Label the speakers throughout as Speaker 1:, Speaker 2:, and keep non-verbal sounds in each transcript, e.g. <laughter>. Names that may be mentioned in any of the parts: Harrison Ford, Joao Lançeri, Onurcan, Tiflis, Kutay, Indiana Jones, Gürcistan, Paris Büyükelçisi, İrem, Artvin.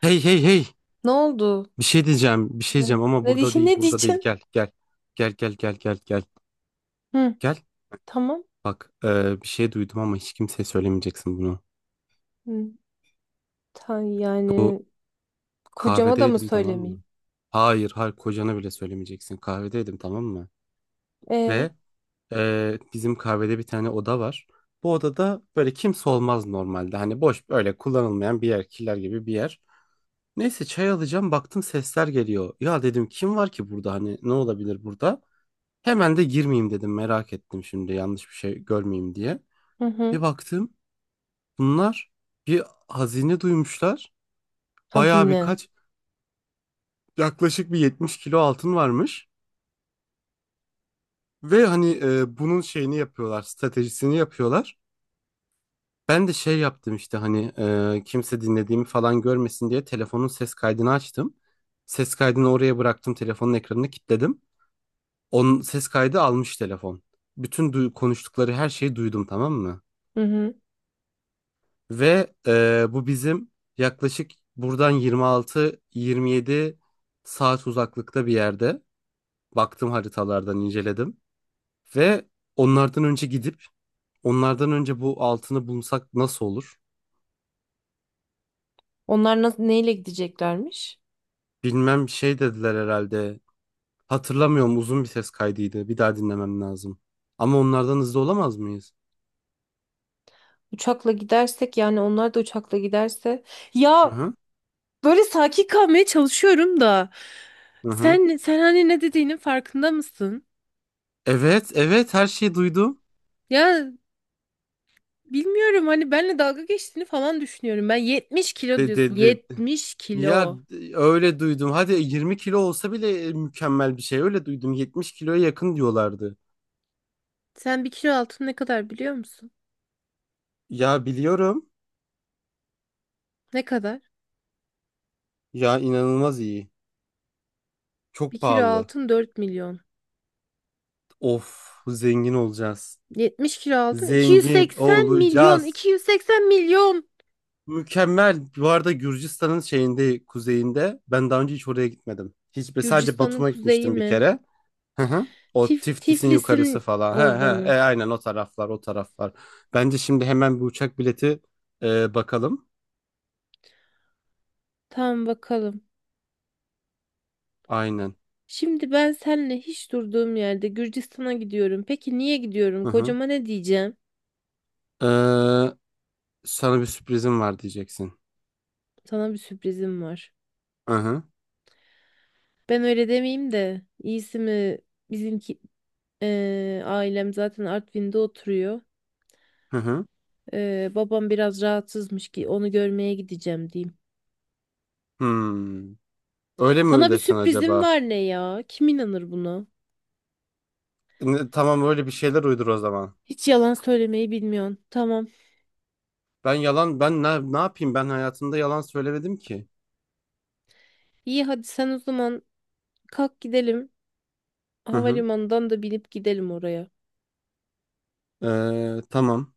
Speaker 1: Hey hey hey.
Speaker 2: Ne oldu?
Speaker 1: Bir şey diyeceğim. Bir şey
Speaker 2: Ne?
Speaker 1: diyeceğim ama burada
Speaker 2: <laughs>
Speaker 1: değil.
Speaker 2: Ne
Speaker 1: Burada değil.
Speaker 2: diyeceksin?
Speaker 1: Gel gel. Gel gel gel gel gel.
Speaker 2: Hı,
Speaker 1: Gel.
Speaker 2: tamam.
Speaker 1: Bak, bir şey duydum ama hiç kimseye söylemeyeceksin bunu.
Speaker 2: Hı, ta-
Speaker 1: Bu
Speaker 2: yani kocama da mı
Speaker 1: kahvedeydim, tamam mı?
Speaker 2: söylemeyeyim?
Speaker 1: Hayır hayır, kocana bile söylemeyeceksin. Kahvedeydim, tamam mı?
Speaker 2: E,
Speaker 1: Ve bizim kahvede bir tane oda var. Bu odada böyle kimse olmaz normalde. Hani boş, böyle kullanılmayan bir yer. Killer gibi bir yer. Neyse, çay alacağım, baktım sesler geliyor. Ya dedim, kim var ki burada, hani ne olabilir burada? Hemen de girmeyeyim dedim, merak ettim şimdi yanlış bir şey görmeyeyim diye.
Speaker 2: hı
Speaker 1: Bir
Speaker 2: hı.
Speaker 1: baktım bunlar bir hazine duymuşlar. Bayağı
Speaker 2: Hazine.
Speaker 1: birkaç, yaklaşık bir 70 kilo altın varmış. Ve hani, bunun şeyini yapıyorlar, stratejisini yapıyorlar. Ben de şey yaptım işte, hani kimse dinlediğimi falan görmesin diye telefonun ses kaydını açtım. Ses kaydını oraya bıraktım, telefonun ekranını kilitledim. Onun ses kaydı almış telefon. Bütün konuştukları her şeyi duydum, tamam mı?
Speaker 2: Hı hı.
Speaker 1: Ve bu bizim yaklaşık buradan 26-27 saat uzaklıkta bir yerde. Baktım, haritalardan inceledim. Ve onlardan önce gidip, onlardan önce bu altını bulsak nasıl olur?
Speaker 2: Onlar nasıl neyle gideceklermiş?
Speaker 1: Bilmem, şey dediler herhalde. Hatırlamıyorum, uzun bir ses kaydıydı. Bir daha dinlemem lazım. Ama onlardan hızlı olamaz mıyız?
Speaker 2: Uçakla gidersek yani onlar da uçakla giderse
Speaker 1: Hı
Speaker 2: ya,
Speaker 1: hı.
Speaker 2: böyle sakin kalmaya çalışıyorum da
Speaker 1: Hı hı.
Speaker 2: sen hani ne dediğinin farkında mısın?
Speaker 1: Evet, evet her şeyi duydum.
Speaker 2: Ya bilmiyorum, hani benle dalga geçtiğini falan düşünüyorum. Ben 70 kilo
Speaker 1: De,
Speaker 2: diyorsun.
Speaker 1: de, de-
Speaker 2: 70
Speaker 1: Ya
Speaker 2: kilo.
Speaker 1: öyle duydum. Hadi 20 kilo olsa bile mükemmel bir şey. Öyle duydum. 70 kiloya yakın diyorlardı.
Speaker 2: Sen bir kilo altın ne kadar biliyor musun?
Speaker 1: Ya biliyorum.
Speaker 2: Ne kadar?
Speaker 1: Ya inanılmaz iyi.
Speaker 2: Bir
Speaker 1: Çok
Speaker 2: kilo
Speaker 1: pahalı.
Speaker 2: altın 4 milyon.
Speaker 1: Of, zengin olacağız.
Speaker 2: 70 kilo altın iki yüz
Speaker 1: Zengin
Speaker 2: seksen milyon.
Speaker 1: olacağız.
Speaker 2: 280 milyon.
Speaker 1: Mükemmel. Bu arada Gürcistan'ın şeyinde, kuzeyinde. Ben daha önce hiç oraya gitmedim. Hiç, sadece
Speaker 2: Gürcistan'ın
Speaker 1: Batum'a
Speaker 2: kuzeyi
Speaker 1: gitmiştim bir
Speaker 2: mi?
Speaker 1: kere. Hı hı. O
Speaker 2: Tif
Speaker 1: Tiftis'in yukarısı
Speaker 2: Tiflis'in
Speaker 1: falan. He
Speaker 2: orada mı?
Speaker 1: he. Aynen o taraflar, o taraflar. Bence şimdi hemen bir uçak bileti bakalım.
Speaker 2: Tamam, bakalım.
Speaker 1: Aynen.
Speaker 2: Şimdi ben seninle hiç durduğum yerde Gürcistan'a gidiyorum. Peki niye gidiyorum?
Speaker 1: Hı hı.
Speaker 2: Kocama ne diyeceğim?
Speaker 1: Ee, Sana bir sürprizim var diyeceksin.
Speaker 2: Sana bir sürprizim var.
Speaker 1: Hı hı.
Speaker 2: Ben öyle demeyeyim de iyisi mi bizimki ailem zaten Artvin'de oturuyor.
Speaker 1: Hı hı.
Speaker 2: Babam biraz rahatsızmış ki onu görmeye gideceğim diyeyim.
Speaker 1: Hmm. Öyle mi
Speaker 2: Sana bir
Speaker 1: desen
Speaker 2: sürprizim
Speaker 1: acaba?
Speaker 2: var, ne ya? Kim inanır buna?
Speaker 1: Ne- tamam, öyle bir şeyler uydur o zaman.
Speaker 2: Hiç yalan söylemeyi bilmiyorsun. Tamam.
Speaker 1: Ben yalan, ben ne, ne yapayım, ben hayatımda yalan söylemedim ki.
Speaker 2: İyi, hadi sen o zaman kalk gidelim.
Speaker 1: Hı hı.
Speaker 2: Havalimanından da binip gidelim oraya.
Speaker 1: Tamam.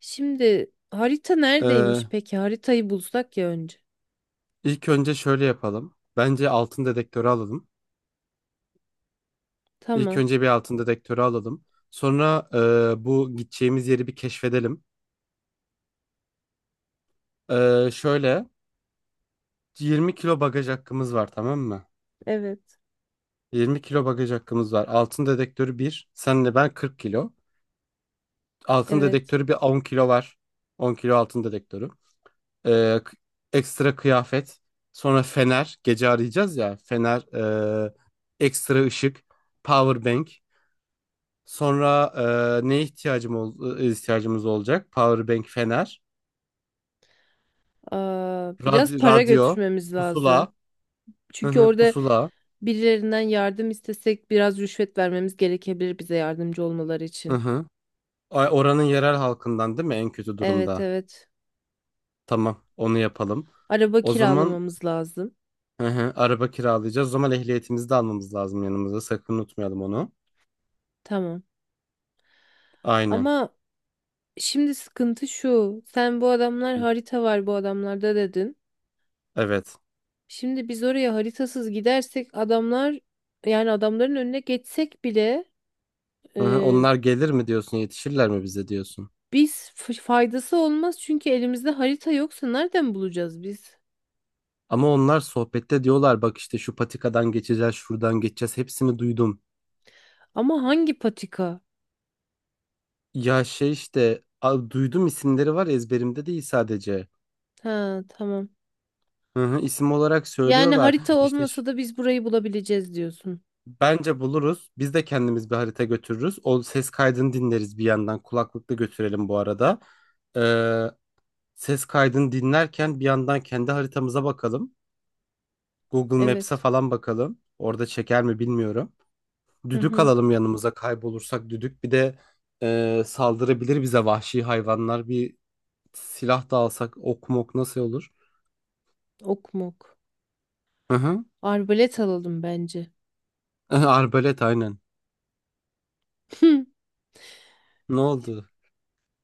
Speaker 2: Şimdi harita
Speaker 1: Ee,
Speaker 2: neredeymiş peki? Haritayı bulsak ya önce.
Speaker 1: ilk önce şöyle yapalım. Bence altın dedektörü alalım. İlk
Speaker 2: Tamam.
Speaker 1: önce bir altın dedektörü alalım. Sonra bu gideceğimiz yeri bir keşfedelim. Şöyle 20 kilo bagaj hakkımız var, tamam mı?
Speaker 2: Evet.
Speaker 1: 20 kilo bagaj hakkımız var. Altın dedektörü 1. Senle ben 40 kilo. Altın
Speaker 2: Evet.
Speaker 1: dedektörü bir 10 kilo var. 10 kilo altın dedektörü. Ee, k- Ekstra kıyafet. Sonra fener. Gece arayacağız ya. Fener. ee, Ekstra ışık. Power bank. Sonra neye ihtiyacım ol- e, ihtiyacımız olacak? Power bank, fener.
Speaker 2: Aa, biraz para
Speaker 1: Radyo.
Speaker 2: götürmemiz
Speaker 1: Pusula.
Speaker 2: lazım.
Speaker 1: Hı
Speaker 2: Çünkü
Speaker 1: hı,
Speaker 2: orada
Speaker 1: pusula.
Speaker 2: birilerinden yardım istesek biraz rüşvet vermemiz gerekebilir bize yardımcı olmaları
Speaker 1: Hı
Speaker 2: için.
Speaker 1: hı. Ay, oranın yerel halkından değil mi en kötü
Speaker 2: Evet,
Speaker 1: durumda?
Speaker 2: evet.
Speaker 1: Tamam, onu yapalım.
Speaker 2: Araba
Speaker 1: O zaman,
Speaker 2: kiralamamız lazım.
Speaker 1: hı hı, araba kiralayacağız. O zaman ehliyetimizi de almamız lazım yanımıza. Sakın unutmayalım onu.
Speaker 2: Tamam.
Speaker 1: Aynen.
Speaker 2: Ama şimdi sıkıntı şu. Sen bu adamlar
Speaker 1: Hı.
Speaker 2: harita var bu adamlarda dedin.
Speaker 1: Evet.
Speaker 2: Şimdi biz oraya haritasız gidersek adamlar, yani adamların önüne geçsek bile
Speaker 1: Hı hı,
Speaker 2: e,
Speaker 1: onlar gelir mi diyorsun, yetişirler mi bize diyorsun.
Speaker 2: biz faydası olmaz çünkü elimizde harita yoksa nereden bulacağız biz?
Speaker 1: Ama onlar sohbette diyorlar, bak işte şu patikadan geçeceğiz, şuradan geçeceğiz. Hepsini duydum.
Speaker 2: Ama hangi patika?
Speaker 1: Ya şey işte, duydum, isimleri var, ezberimde değil sadece.
Speaker 2: Ha, tamam.
Speaker 1: Hı hı, isim olarak
Speaker 2: Yani
Speaker 1: söylüyorlar.
Speaker 2: harita olmasa da biz burayı bulabileceğiz diyorsun.
Speaker 1: Bence buluruz. Biz de kendimiz bir harita götürürüz. O ses kaydını dinleriz bir yandan. Kulaklıkla götürelim bu arada. Ses kaydını dinlerken bir yandan kendi haritamıza bakalım. Google Maps'e
Speaker 2: Evet.
Speaker 1: falan bakalım. Orada çeker mi bilmiyorum.
Speaker 2: Hı
Speaker 1: Düdük
Speaker 2: hı.
Speaker 1: alalım yanımıza, kaybolursak düdük. Bir de saldırabilir bize vahşi hayvanlar. Bir silah da alsak, ok mok nasıl olur?
Speaker 2: Ok mok.
Speaker 1: Hı hı.
Speaker 2: Arbalet alalım bence.
Speaker 1: <laughs> Arbalet, aynen.
Speaker 2: <laughs>
Speaker 1: Ne oldu?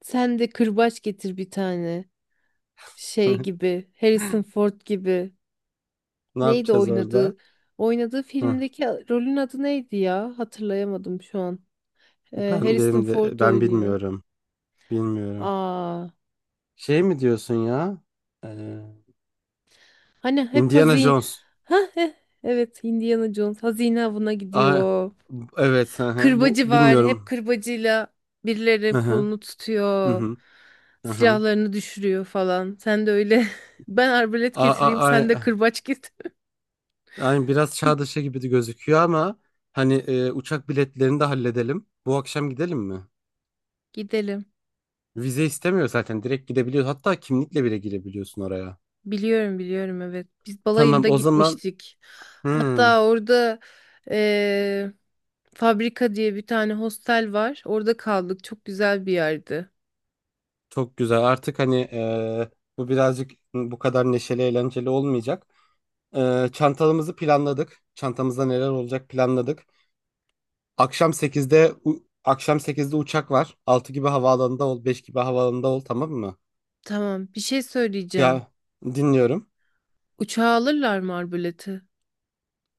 Speaker 2: Sen de kırbaç getir bir tane. Şey
Speaker 1: <laughs>
Speaker 2: gibi, Harrison Ford gibi.
Speaker 1: Ne
Speaker 2: Neydi
Speaker 1: yapacağız orada?
Speaker 2: oynadığı? Oynadığı
Speaker 1: Hı.
Speaker 2: filmdeki rolün adı neydi ya? Hatırlayamadım şu an.
Speaker 1: Ben,
Speaker 2: Harrison
Speaker 1: benim de,
Speaker 2: Ford
Speaker 1: ben
Speaker 2: oynuyor.
Speaker 1: bilmiyorum. Bilmiyorum.
Speaker 2: Aa,
Speaker 1: Şey mi diyorsun ya? Ee,
Speaker 2: hani hep
Speaker 1: Indiana
Speaker 2: hazine.
Speaker 1: Jones.
Speaker 2: Ha, heh, evet, Indiana Jones hazine avına
Speaker 1: Aa,
Speaker 2: gidiyor.
Speaker 1: evet. Hı hı. Bu
Speaker 2: Kırbacı var. Hep
Speaker 1: bilmiyorum.
Speaker 2: kırbacıyla birilerinin
Speaker 1: Hı hı.
Speaker 2: kolunu
Speaker 1: Hı
Speaker 2: tutuyor.
Speaker 1: hı. Hı hı.
Speaker 2: Silahlarını düşürüyor falan. Sen de öyle. <laughs> Ben arbalet
Speaker 1: A, a,
Speaker 2: getireyim, sen de
Speaker 1: a,
Speaker 2: kırbaç git.
Speaker 1: Yani biraz çağ dışı gibi de gözüküyor ama hani, uçak biletlerini de halledelim. Bu akşam gidelim mi?
Speaker 2: Gidelim.
Speaker 1: Vize istemiyor zaten. Direkt gidebiliyor. Hatta kimlikle bile girebiliyorsun oraya.
Speaker 2: Biliyorum, biliyorum, evet. Biz
Speaker 1: Tamam,
Speaker 2: balayında
Speaker 1: o zaman
Speaker 2: gitmiştik.
Speaker 1: hmm,
Speaker 2: Hatta orada eee, fabrika diye bir tane hostel var. Orada kaldık. Çok güzel bir yerdi.
Speaker 1: çok güzel. Artık hani bu birazcık bu kadar neşeli eğlenceli olmayacak. Çantalarımızı planladık. Çantamızda neler olacak planladık. Akşam sekizde uçak var. 6 gibi havaalanında ol, 5 gibi havaalanında ol, tamam mı?
Speaker 2: Tamam, bir şey söyleyeceğim.
Speaker 1: Ya, dinliyorum.
Speaker 2: Uçağa alırlar mı Arbalet'i?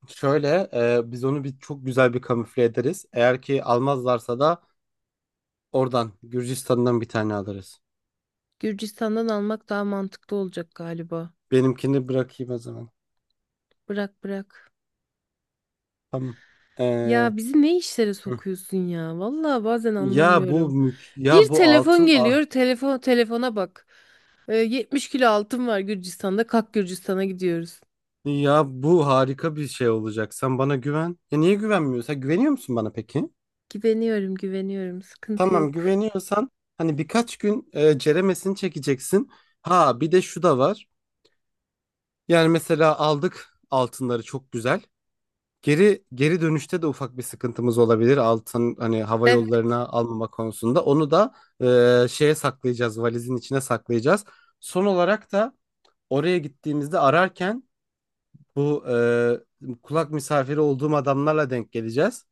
Speaker 1: Şöyle biz onu bir çok güzel bir kamufle ederiz. Eğer ki almazlarsa da oradan Gürcistan'dan bir tane alırız.
Speaker 2: Gürcistan'dan almak daha mantıklı olacak galiba.
Speaker 1: Benimkini bırakayım o zaman.
Speaker 2: Bırak, bırak.
Speaker 1: Tamam. E,
Speaker 2: Ya bizi ne işlere
Speaker 1: hı.
Speaker 2: sokuyorsun ya? Vallahi bazen
Speaker 1: Ya bu
Speaker 2: anlamıyorum.
Speaker 1: ya
Speaker 2: Bir
Speaker 1: bu
Speaker 2: telefon
Speaker 1: altın,
Speaker 2: geliyor. Telefon, telefona bak. 70 kilo altın var Gürcistan'da. Kalk, Gürcistan'a gidiyoruz.
Speaker 1: ya bu harika bir şey olacak. Sen bana güven. Ya niye güvenmiyorsun? Güveniyor musun bana peki?
Speaker 2: Güveniyorum, güveniyorum. Sıkıntı
Speaker 1: Tamam,
Speaker 2: yok.
Speaker 1: güveniyorsan hani birkaç gün ceremesini çekeceksin. Ha bir de şu da var. Yani mesela aldık altınları, çok güzel. Geri geri dönüşte de ufak bir sıkıntımız olabilir. Altın hani hava
Speaker 2: Evet.
Speaker 1: yollarına almama konusunda. Onu da şeye saklayacağız. Valizin içine saklayacağız. Son olarak da oraya gittiğimizde ararken bu kulak misafiri olduğum adamlarla denk geleceğiz.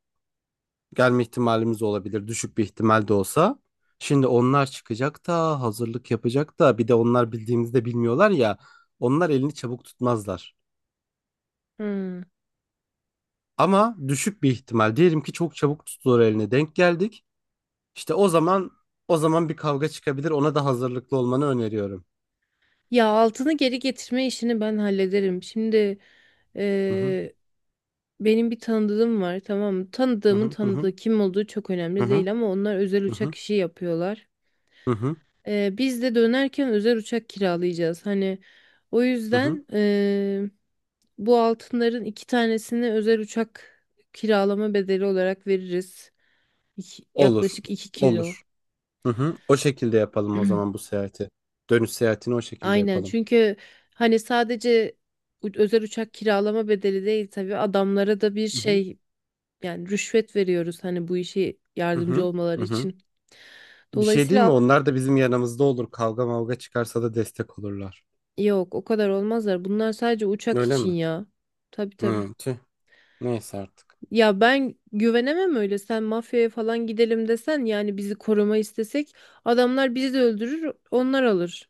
Speaker 1: Gelme ihtimalimiz olabilir. Düşük bir ihtimal de olsa. Şimdi onlar çıkacak da hazırlık yapacak da, bir de onlar bildiğimizde bilmiyorlar ya. Onlar elini çabuk tutmazlar.
Speaker 2: Hmm.
Speaker 1: Ama düşük bir ihtimal. Diyelim ki çok çabuk tuttular, eline denk geldik. İşte o zaman bir kavga çıkabilir. Ona da hazırlıklı olmanı öneriyorum.
Speaker 2: Ya altını geri getirme işini ben hallederim. Şimdi
Speaker 1: Hı hı
Speaker 2: eee, benim bir tanıdığım var, tamam mı?
Speaker 1: hı
Speaker 2: Tanıdığımın
Speaker 1: hı hı
Speaker 2: tanıdığı kim olduğu çok
Speaker 1: hı
Speaker 2: önemli
Speaker 1: hı
Speaker 2: değil ama onlar özel
Speaker 1: hı hı
Speaker 2: uçak işi yapıyorlar.
Speaker 1: hı hı
Speaker 2: Biz de dönerken özel uçak kiralayacağız. Hani o
Speaker 1: hı hı.
Speaker 2: yüzden bu altınların iki tanesini özel uçak kiralama bedeli olarak veririz.
Speaker 1: Olur.
Speaker 2: Yaklaşık 2 kilo.
Speaker 1: Olur. Hı hı. O şekilde yapalım o zaman
Speaker 2: <clears throat>
Speaker 1: bu seyahati. Dönüş seyahatini o şekilde
Speaker 2: Aynen,
Speaker 1: yapalım.
Speaker 2: çünkü hani sadece özel uçak kiralama bedeli değil, tabii adamlara da bir
Speaker 1: Hı hı
Speaker 2: şey, yani rüşvet veriyoruz hani bu işe
Speaker 1: hı
Speaker 2: yardımcı
Speaker 1: hı hı
Speaker 2: olmaları
Speaker 1: hı.
Speaker 2: için.
Speaker 1: Bir şey değil mi?
Speaker 2: Dolayısıyla
Speaker 1: Onlar da bizim yanımızda olur. Kavga mavga çıkarsa da destek olurlar.
Speaker 2: yok, o kadar olmazlar. Bunlar sadece uçak
Speaker 1: Öyle
Speaker 2: için
Speaker 1: mi?
Speaker 2: ya. Tabii, tabii.
Speaker 1: Hı. Tüh. Neyse artık.
Speaker 2: Ya ben güvenemem öyle. Sen mafyaya falan gidelim desen yani bizi koruma istesek adamlar bizi de öldürür onlar alır.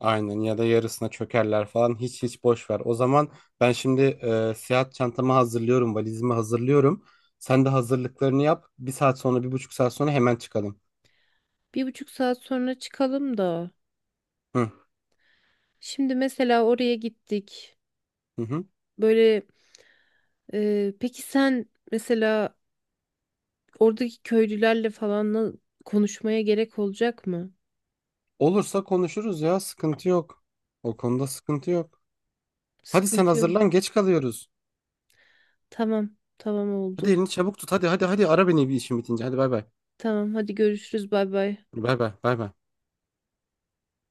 Speaker 1: Aynen, ya da yarısına çökerler falan, hiç hiç boş ver. O zaman ben şimdi seyahat çantamı hazırlıyorum, valizimi hazırlıyorum. Sen de hazırlıklarını yap. Bir saat sonra, bir buçuk saat sonra hemen çıkalım.
Speaker 2: 1,5 saat sonra çıkalım da.
Speaker 1: Hı
Speaker 2: Şimdi mesela oraya gittik.
Speaker 1: hı. Hı.
Speaker 2: Böyle. Peki sen mesela oradaki köylülerle falan konuşmaya gerek olacak mı?
Speaker 1: Olursa konuşuruz ya, sıkıntı yok. O konuda sıkıntı yok. Hadi sen
Speaker 2: Sıkıntı yok.
Speaker 1: hazırlan, geç kalıyoruz.
Speaker 2: Tamam, tamam
Speaker 1: Hadi
Speaker 2: oldu.
Speaker 1: elini çabuk tut. Hadi hadi hadi ara beni bir işim bitince. Hadi bay bay.
Speaker 2: Tamam, hadi görüşürüz. Bay bay.
Speaker 1: Bay bay bay bay.